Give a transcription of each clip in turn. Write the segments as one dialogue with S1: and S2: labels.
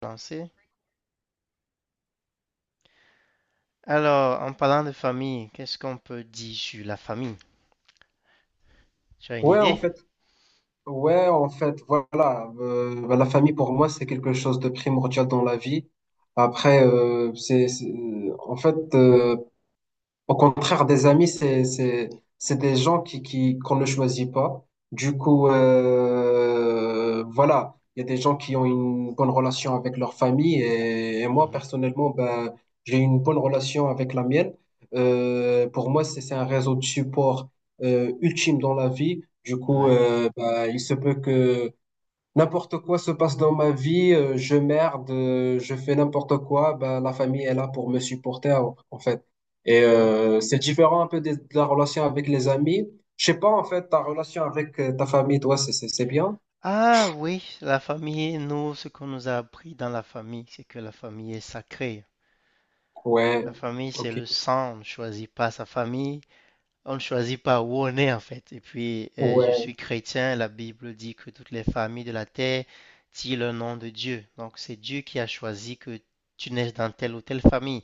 S1: Lancer. Alors, en parlant de famille, qu'est-ce qu'on peut dire sur la famille? Tu as une
S2: Ouais, en
S1: idée?
S2: fait, ouais, en fait, voilà. Bah, la famille, pour moi, c'est quelque chose de primordial dans la vie. Après, en fait, au contraire, des amis, c'est des gens qu'on ne choisit pas. Du coup, voilà, il y a des gens qui ont une bonne relation avec leur famille et moi,
S1: Mhm.
S2: personnellement, ben, j'ai une bonne relation avec la mienne. Pour moi, c'est un réseau de support ultime dans la vie. Du coup,
S1: Ouais,
S2: ben, il se peut que n'importe quoi se passe dans ma vie, je merde, je fais n'importe quoi, ben, la famille est là pour me supporter en fait. Et
S1: ouais.
S2: c'est différent un peu la relation avec les amis. Je sais pas en fait, ta relation avec ta famille, toi, c'est bien?
S1: Ah oui, la famille, nous, ce qu'on nous a appris dans la famille, c'est que la famille est sacrée.
S2: Ouais,
S1: La famille, c'est
S2: ok.
S1: le sang, on ne choisit pas sa famille. On ne choisit pas où on est en fait. Et puis, je
S2: Ouais,
S1: suis chrétien. La Bible dit que toutes les familles de la terre tirent le nom de Dieu. Donc, c'est Dieu qui a choisi que tu naisses dans telle ou telle famille.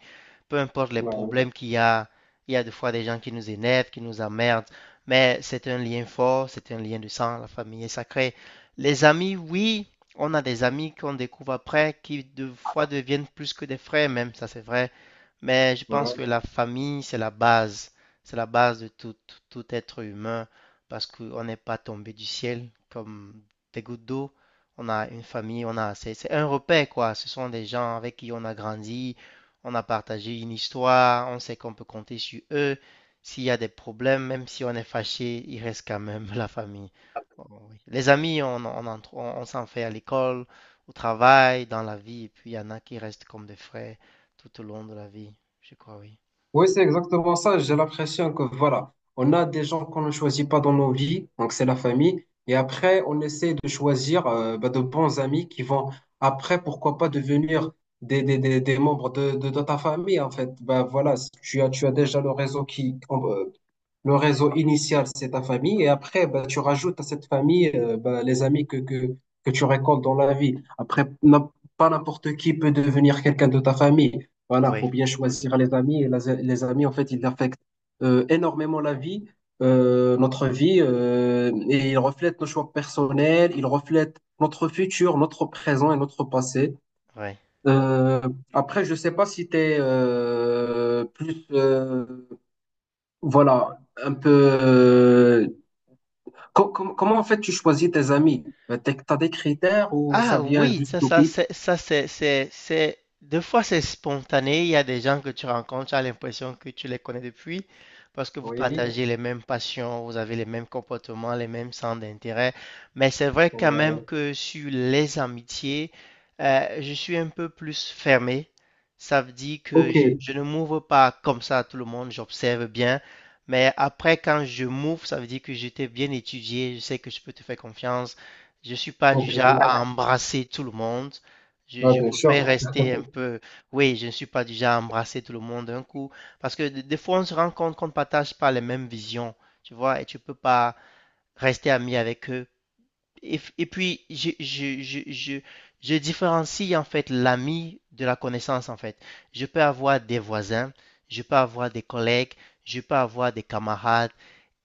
S1: Peu importe les
S2: ouais,
S1: problèmes qu'il y a, il y a des fois des gens qui nous énervent, qui nous emmerdent, mais c'est un lien fort, c'est un lien de sang. La famille est sacrée. Les amis, oui, on a des amis qu'on découvre après qui des fois deviennent plus que des frères, même, ça c'est vrai. Mais je pense que
S2: ouais.
S1: la famille, c'est la base. C'est la base de tout être humain parce qu'on n'est pas tombé du ciel comme des gouttes d'eau. On a une famille, c'est un repère quoi. Ce sont des gens avec qui on a grandi, on a partagé une histoire, on sait qu'on peut compter sur eux. S'il y a des problèmes, même si on est fâché, il reste quand même la famille. Oh, oui. Les amis, on, en tr- on s'en fait à l'école, au travail, dans la vie, et puis il y en a qui restent comme des frères tout au long de la vie, je crois, oui.
S2: Oui, c'est exactement ça. J'ai l'impression que voilà, on a des gens qu'on ne choisit pas dans nos vies, donc c'est la famille. Et après, on essaie de choisir bah, de bons amis qui vont après, pourquoi pas, devenir des membres de ta famille, en fait. Bah, voilà, si tu as déjà le réseau le réseau initial, c'est ta famille. Et après, bah, tu rajoutes à cette famille bah, les amis que tu récoltes dans la vie. Après, pas n'importe qui peut devenir quelqu'un de ta famille. Voilà,
S1: Oui,
S2: faut bien choisir les amis. Les amis, en fait, ils affectent énormément la vie, notre vie, et ils reflètent nos choix personnels, ils reflètent notre futur, notre présent et notre passé.
S1: oui.
S2: Euh, Après, je sais pas si tu es plus... voilà, un peu. Comment en fait tu choisis tes amis? T'as des critères ou ça
S1: Ah
S2: vient
S1: oui,
S2: juste
S1: ça,
S2: au pif?
S1: ça, c'est, des fois c'est spontané. Il y a des gens que tu rencontres, tu as l'impression que tu les connais depuis parce que vous
S2: Oui.
S1: partagez les mêmes passions, vous avez les mêmes comportements, les mêmes centres d'intérêt. Mais c'est vrai quand même
S2: Ouais.
S1: que sur les amitiés, je suis un peu plus fermé. Ça veut dire que
S2: Ok.
S1: je ne m'ouvre pas comme ça à tout le monde, j'observe bien. Mais après, quand je m'ouvre, ça veut dire que j'étais bien étudié, je sais que je peux te faire confiance. Je suis pas du
S2: Ok.
S1: genre à embrasser tout le monde. Je,
S2: Ouais,
S1: je
S2: bien sûr.
S1: préfère rester un peu. Oui, je ne suis pas du genre à embrasser tout le monde d'un coup. Parce que des fois, on se rend compte qu'on ne partage pas les mêmes visions. Tu vois, et tu peux pas rester ami avec eux. Et puis, je différencie en fait l'ami de la connaissance en fait. Je peux avoir des voisins, je peux avoir des collègues, je peux avoir des camarades,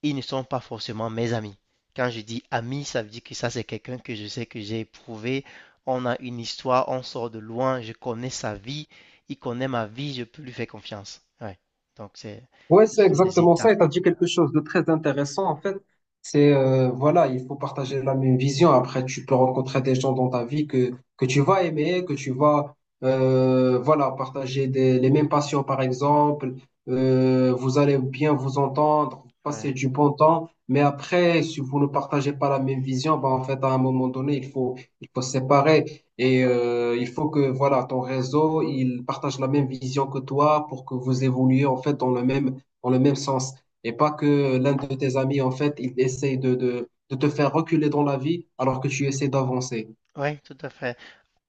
S1: ils ne sont pas forcément mes amis. Quand je dis ami, ça veut dire que ça, c'est quelqu'un que je sais que j'ai éprouvé. On a une histoire, on sort de loin, je connais sa vie, il connaît ma vie, je peux lui faire confiance. Ouais. Donc,
S2: Ouais,
S1: ce
S2: c'est
S1: sont les
S2: exactement ça.
S1: étapes.
S2: Et tu as dit quelque chose de très intéressant, en fait. Voilà, il faut partager la même vision. Après, tu peux rencontrer des gens dans ta vie que tu vas aimer, que tu vas, voilà, partager les mêmes passions, par exemple. Vous allez bien vous entendre,
S1: Ouais.
S2: passer du bon temps. Mais après, si vous ne partagez pas la même vision, ben, en fait, à un moment donné, il faut se séparer. Et il faut que, voilà, ton réseau, il partage la même vision que toi pour que vous évoluiez, en fait, dans le même sens. Et pas que l'un de tes amis, en fait, il essaie de te faire reculer dans la vie alors que tu essaies d'avancer.
S1: Oui, tout à fait.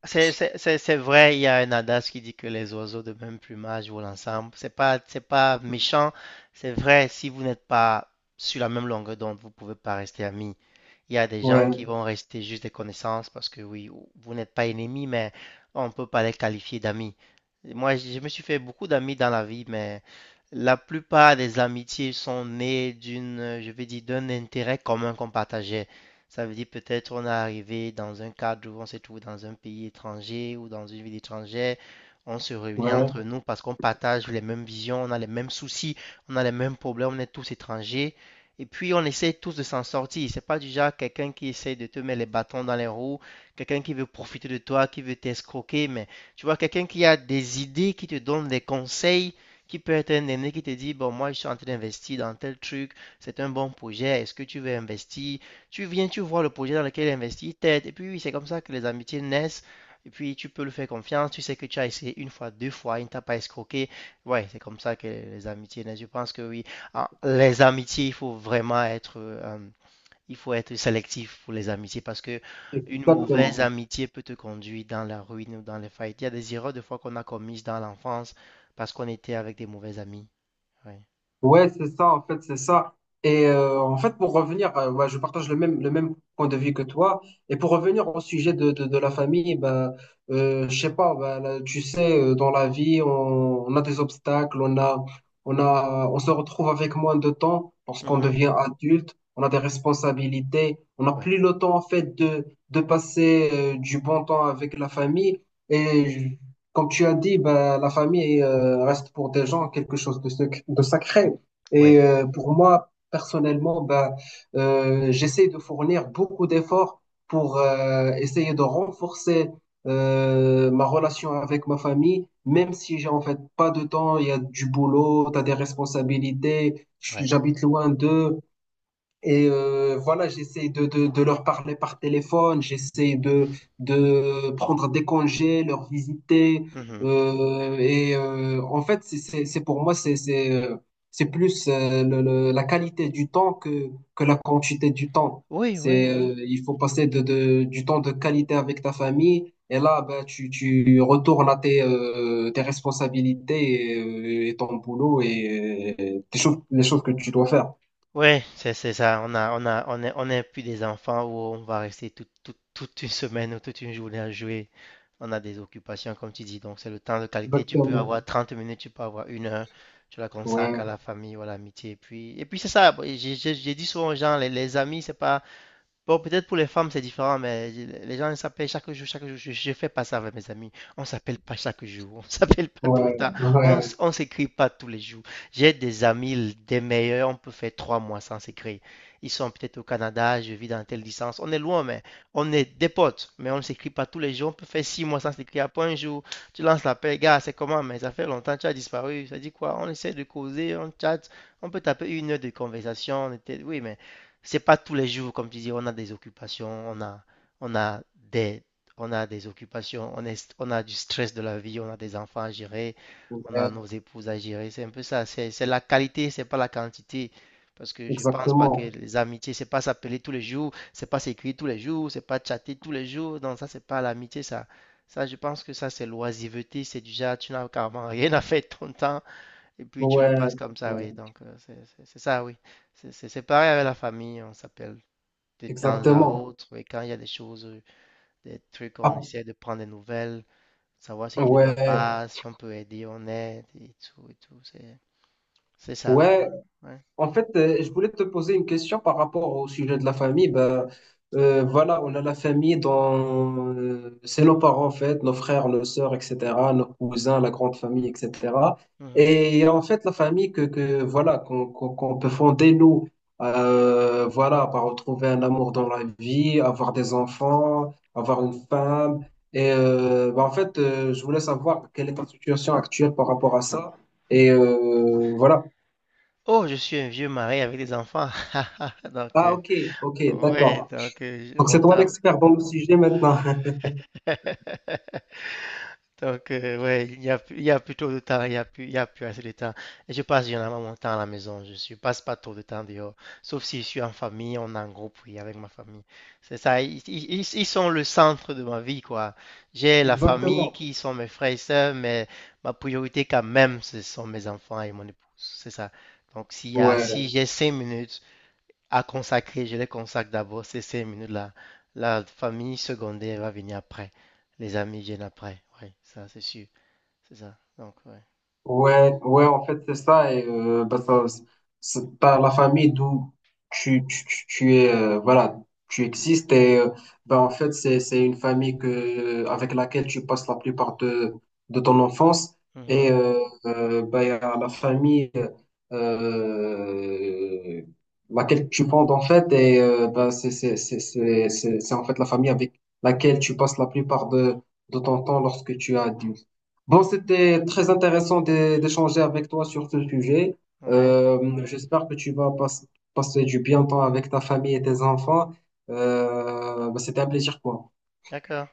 S1: C'est vrai, il y a un adage qui dit que les oiseaux de même plumage volent ensemble. C'est pas méchant, c'est vrai, si vous n'êtes pas sur la même longueur d'onde, vous pouvez pas rester amis. Il y a des gens
S2: Ouais,
S1: qui vont rester juste des connaissances parce que oui, vous n'êtes pas ennemis, mais on ne peut pas les qualifier d'amis. Moi, je me suis fait beaucoup d'amis dans la vie, mais la plupart des amitiés sont nées d'une, je vais dire, d'un intérêt commun qu'on partageait. Ça veut dire peut-être on est arrivé dans un cadre où on se trouve dans un pays étranger ou dans une ville étrangère. On se réunit
S2: ouais,
S1: entre nous parce qu'on partage les mêmes visions, on a les mêmes soucis, on a les mêmes problèmes, on est tous étrangers. Et puis, on essaie tous de s'en sortir. C'est pas du genre quelqu'un qui essaie de te mettre les bâtons dans les roues, quelqu'un qui veut profiter de toi, qui veut t'escroquer. Mais tu vois, quelqu'un qui a des idées, qui te donne des conseils, qui peut être un aîné qui te dit, bon, moi, je suis en train d'investir dans tel truc, c'est un bon projet, est-ce que tu veux investir? Tu viens, tu vois le projet dans lequel il investit, t'aides. Et puis, oui, c'est comme ça que les amitiés naissent. Et puis, tu peux lui faire confiance. Tu sais que tu as essayé une fois, deux fois, il ne t'a pas escroqué. Ouais, c'est comme ça que les amitiés naissent. Je pense que oui. Ah, les amitiés, il faut vraiment être, il faut être sélectif pour les amitiés parce que une mauvaise
S2: exactement.
S1: amitié peut te conduire dans la ruine ou dans les faillites. Il y a des erreurs de fois qu'on a commises dans l'enfance parce qu'on était avec des mauvais amis. Ouais.
S2: Ouais, c'est ça, en fait, c'est ça. Et en fait, pour revenir, ouais, je partage le même point de vue que toi. Et pour revenir au sujet de la famille, ben, je sais pas, ben, là, tu sais, dans la vie, on a des obstacles, on a, on se retrouve avec moins de temps lorsqu'on
S1: Mhm.
S2: devient adulte, on a des responsabilités, on n'a
S1: Ouais.
S2: plus le temps, en fait, de passer du bon temps avec la famille. Et je- Comme tu as dit, ben, la famille reste pour des gens quelque chose de sacré.
S1: Ouais.
S2: Et pour moi, personnellement, ben, j'essaie de fournir beaucoup d'efforts pour essayer de renforcer ma relation avec ma famille, même si j'ai en fait pas de temps, il y a du boulot, tu as des responsabilités,
S1: Ouais.
S2: j'habite loin d'eux. Et voilà, j'essaie de leur parler par téléphone, j'essaie de prendre des congés, leur visiter.
S1: Mhm.
S2: En fait, c'est pour moi, c'est plus la qualité du temps que la quantité du temps.
S1: Oui, oui, oui.
S2: Il faut passer du temps de qualité avec ta famille. Et là, ben, tu retournes à tes, tes responsabilités et ton boulot tes choses, les choses que tu dois faire.
S1: Ouais, c'est ça. On a, on a, on est, On n'est plus des enfants où on va rester toute une semaine ou toute une journée à jouer. On a des occupations, comme tu dis. Donc, c'est le temps de qualité. Tu peux
S2: Exactement.
S1: avoir 30 minutes, tu peux avoir une heure. Tu la consacres
S2: Ouais,
S1: à la famille ou à l'amitié. Et puis, c'est ça. Bon, j'ai dit souvent aux gens, les amis, c'est pas. Bon, peut-être pour les femmes c'est différent, mais les gens ils s'appellent chaque jour, chaque jour. Je fais pas ça avec mes amis. On s'appelle pas chaque jour, on s'appelle pas tout le
S2: ouais,
S1: temps, on,
S2: ouais,
S1: s- on s'écrit pas tous les jours. J'ai des amis, des meilleurs, on peut faire 3 mois sans s'écrire. Ils sont peut-être au Canada, je vis dans telle distance. On est loin, mais on est des potes, mais on ne s'écrit pas tous les jours. On peut faire 6 mois sans s'écrire. Après un jour, tu lances l'appel, gars, c'est comment? Mais ça fait longtemps, tu as disparu. Ça dit quoi? On essaie de causer, on chatte, on peut taper une heure de conversation. Oui, mais c'est pas tous les jours, comme tu dis, on a des occupations, on a des, on a des occupations, on a du stress de la vie, on a des enfants à gérer, on a
S2: ouais,
S1: nos épouses à gérer. C'est un peu ça. C'est la qualité, c'est pas la quantité. Parce que je pense pas que
S2: exactement,
S1: les amitiés, c'est pas s'appeler tous les jours, c'est pas s'écrire tous les jours, c'est pas chatter tous les jours. Non, ça, c'est pas l'amitié, ça. Ça, je pense que ça, c'est l'oisiveté. C'est déjà, tu n'as carrément rien à faire de ton temps. Et puis tu le
S2: ouais,
S1: passes comme
S2: euh,
S1: ça, oui. Donc c'est ça, oui. C'est pareil avec la famille, on s'appelle de temps à
S2: exactement.
S1: autre. Et quand il y a des choses, des trucs, on
S2: Ah,
S1: essaie de prendre des nouvelles, savoir ce qui ne va
S2: ouais,
S1: pas, si on peut aider, on aide et tout et tout. C'est ça.
S2: ouais.
S1: Ouais.
S2: En fait, je voulais te poser une question par rapport au sujet de la famille. Ben, voilà, on a la famille dont c'est nos parents, en fait, nos frères, nos sœurs, etc., nos cousins, la grande famille, etc.
S1: Mhm.
S2: Et en fait, la famille que voilà, qu'on peut fonder, nous, voilà, par retrouver un amour dans la vie, avoir des enfants, avoir une femme. Et ben, en fait, je voulais savoir quelle est ta situation actuelle par rapport à ça. Et voilà.
S1: Oh, je suis un vieux mari avec des enfants. Donc,
S2: Ah, ok, ok,
S1: ouais,
S2: d'accord.
S1: donc
S2: Donc c'est
S1: on
S2: toi
S1: t'aime.
S2: l'expert dans le sujet maintenant.
S1: Donc, ouais, il y a plus trop de temps, il y a plus assez de temps. Et je passe généralement mon temps à la maison, je ne passe pas trop de temps dehors, sauf si je suis en famille, on est en groupe, oui, avec ma famille. C'est ça, ils sont le centre de ma vie, quoi. J'ai la famille
S2: Exactement.
S1: qui sont mes frères et sœurs, mais ma priorité quand même, ce sont mes enfants et mon épouse, c'est ça. Donc, si
S2: Ouais.
S1: j'ai 5 minutes à consacrer, je les consacre d'abord ces 5 minutes-là. La famille secondaire va venir après. Les amis viennent après. Oui, ça, c'est sûr. C'est ça. Donc, ouais.
S2: Ouais, ouais, en fait, c'est ça. Et bah, ça, c'est par la famille d'où tu es, voilà, tu existes. Et bah, en fait, c'est une famille que, avec laquelle tu passes la plupart de ton enfance. Et
S1: Mhm.
S2: bah, il y a la famille euh, laquelle tu fondes, en fait. Et bah, c'est en fait la famille avec laquelle tu passes la plupart de ton temps lorsque tu as. Bon, c'était très intéressant d'échanger avec toi sur ce sujet.
S1: Ouais,
S2: J'espère que tu vas passer du bien temps avec ta famille et tes enfants. Bah, c'était un plaisir pour moi.
S1: d'accord.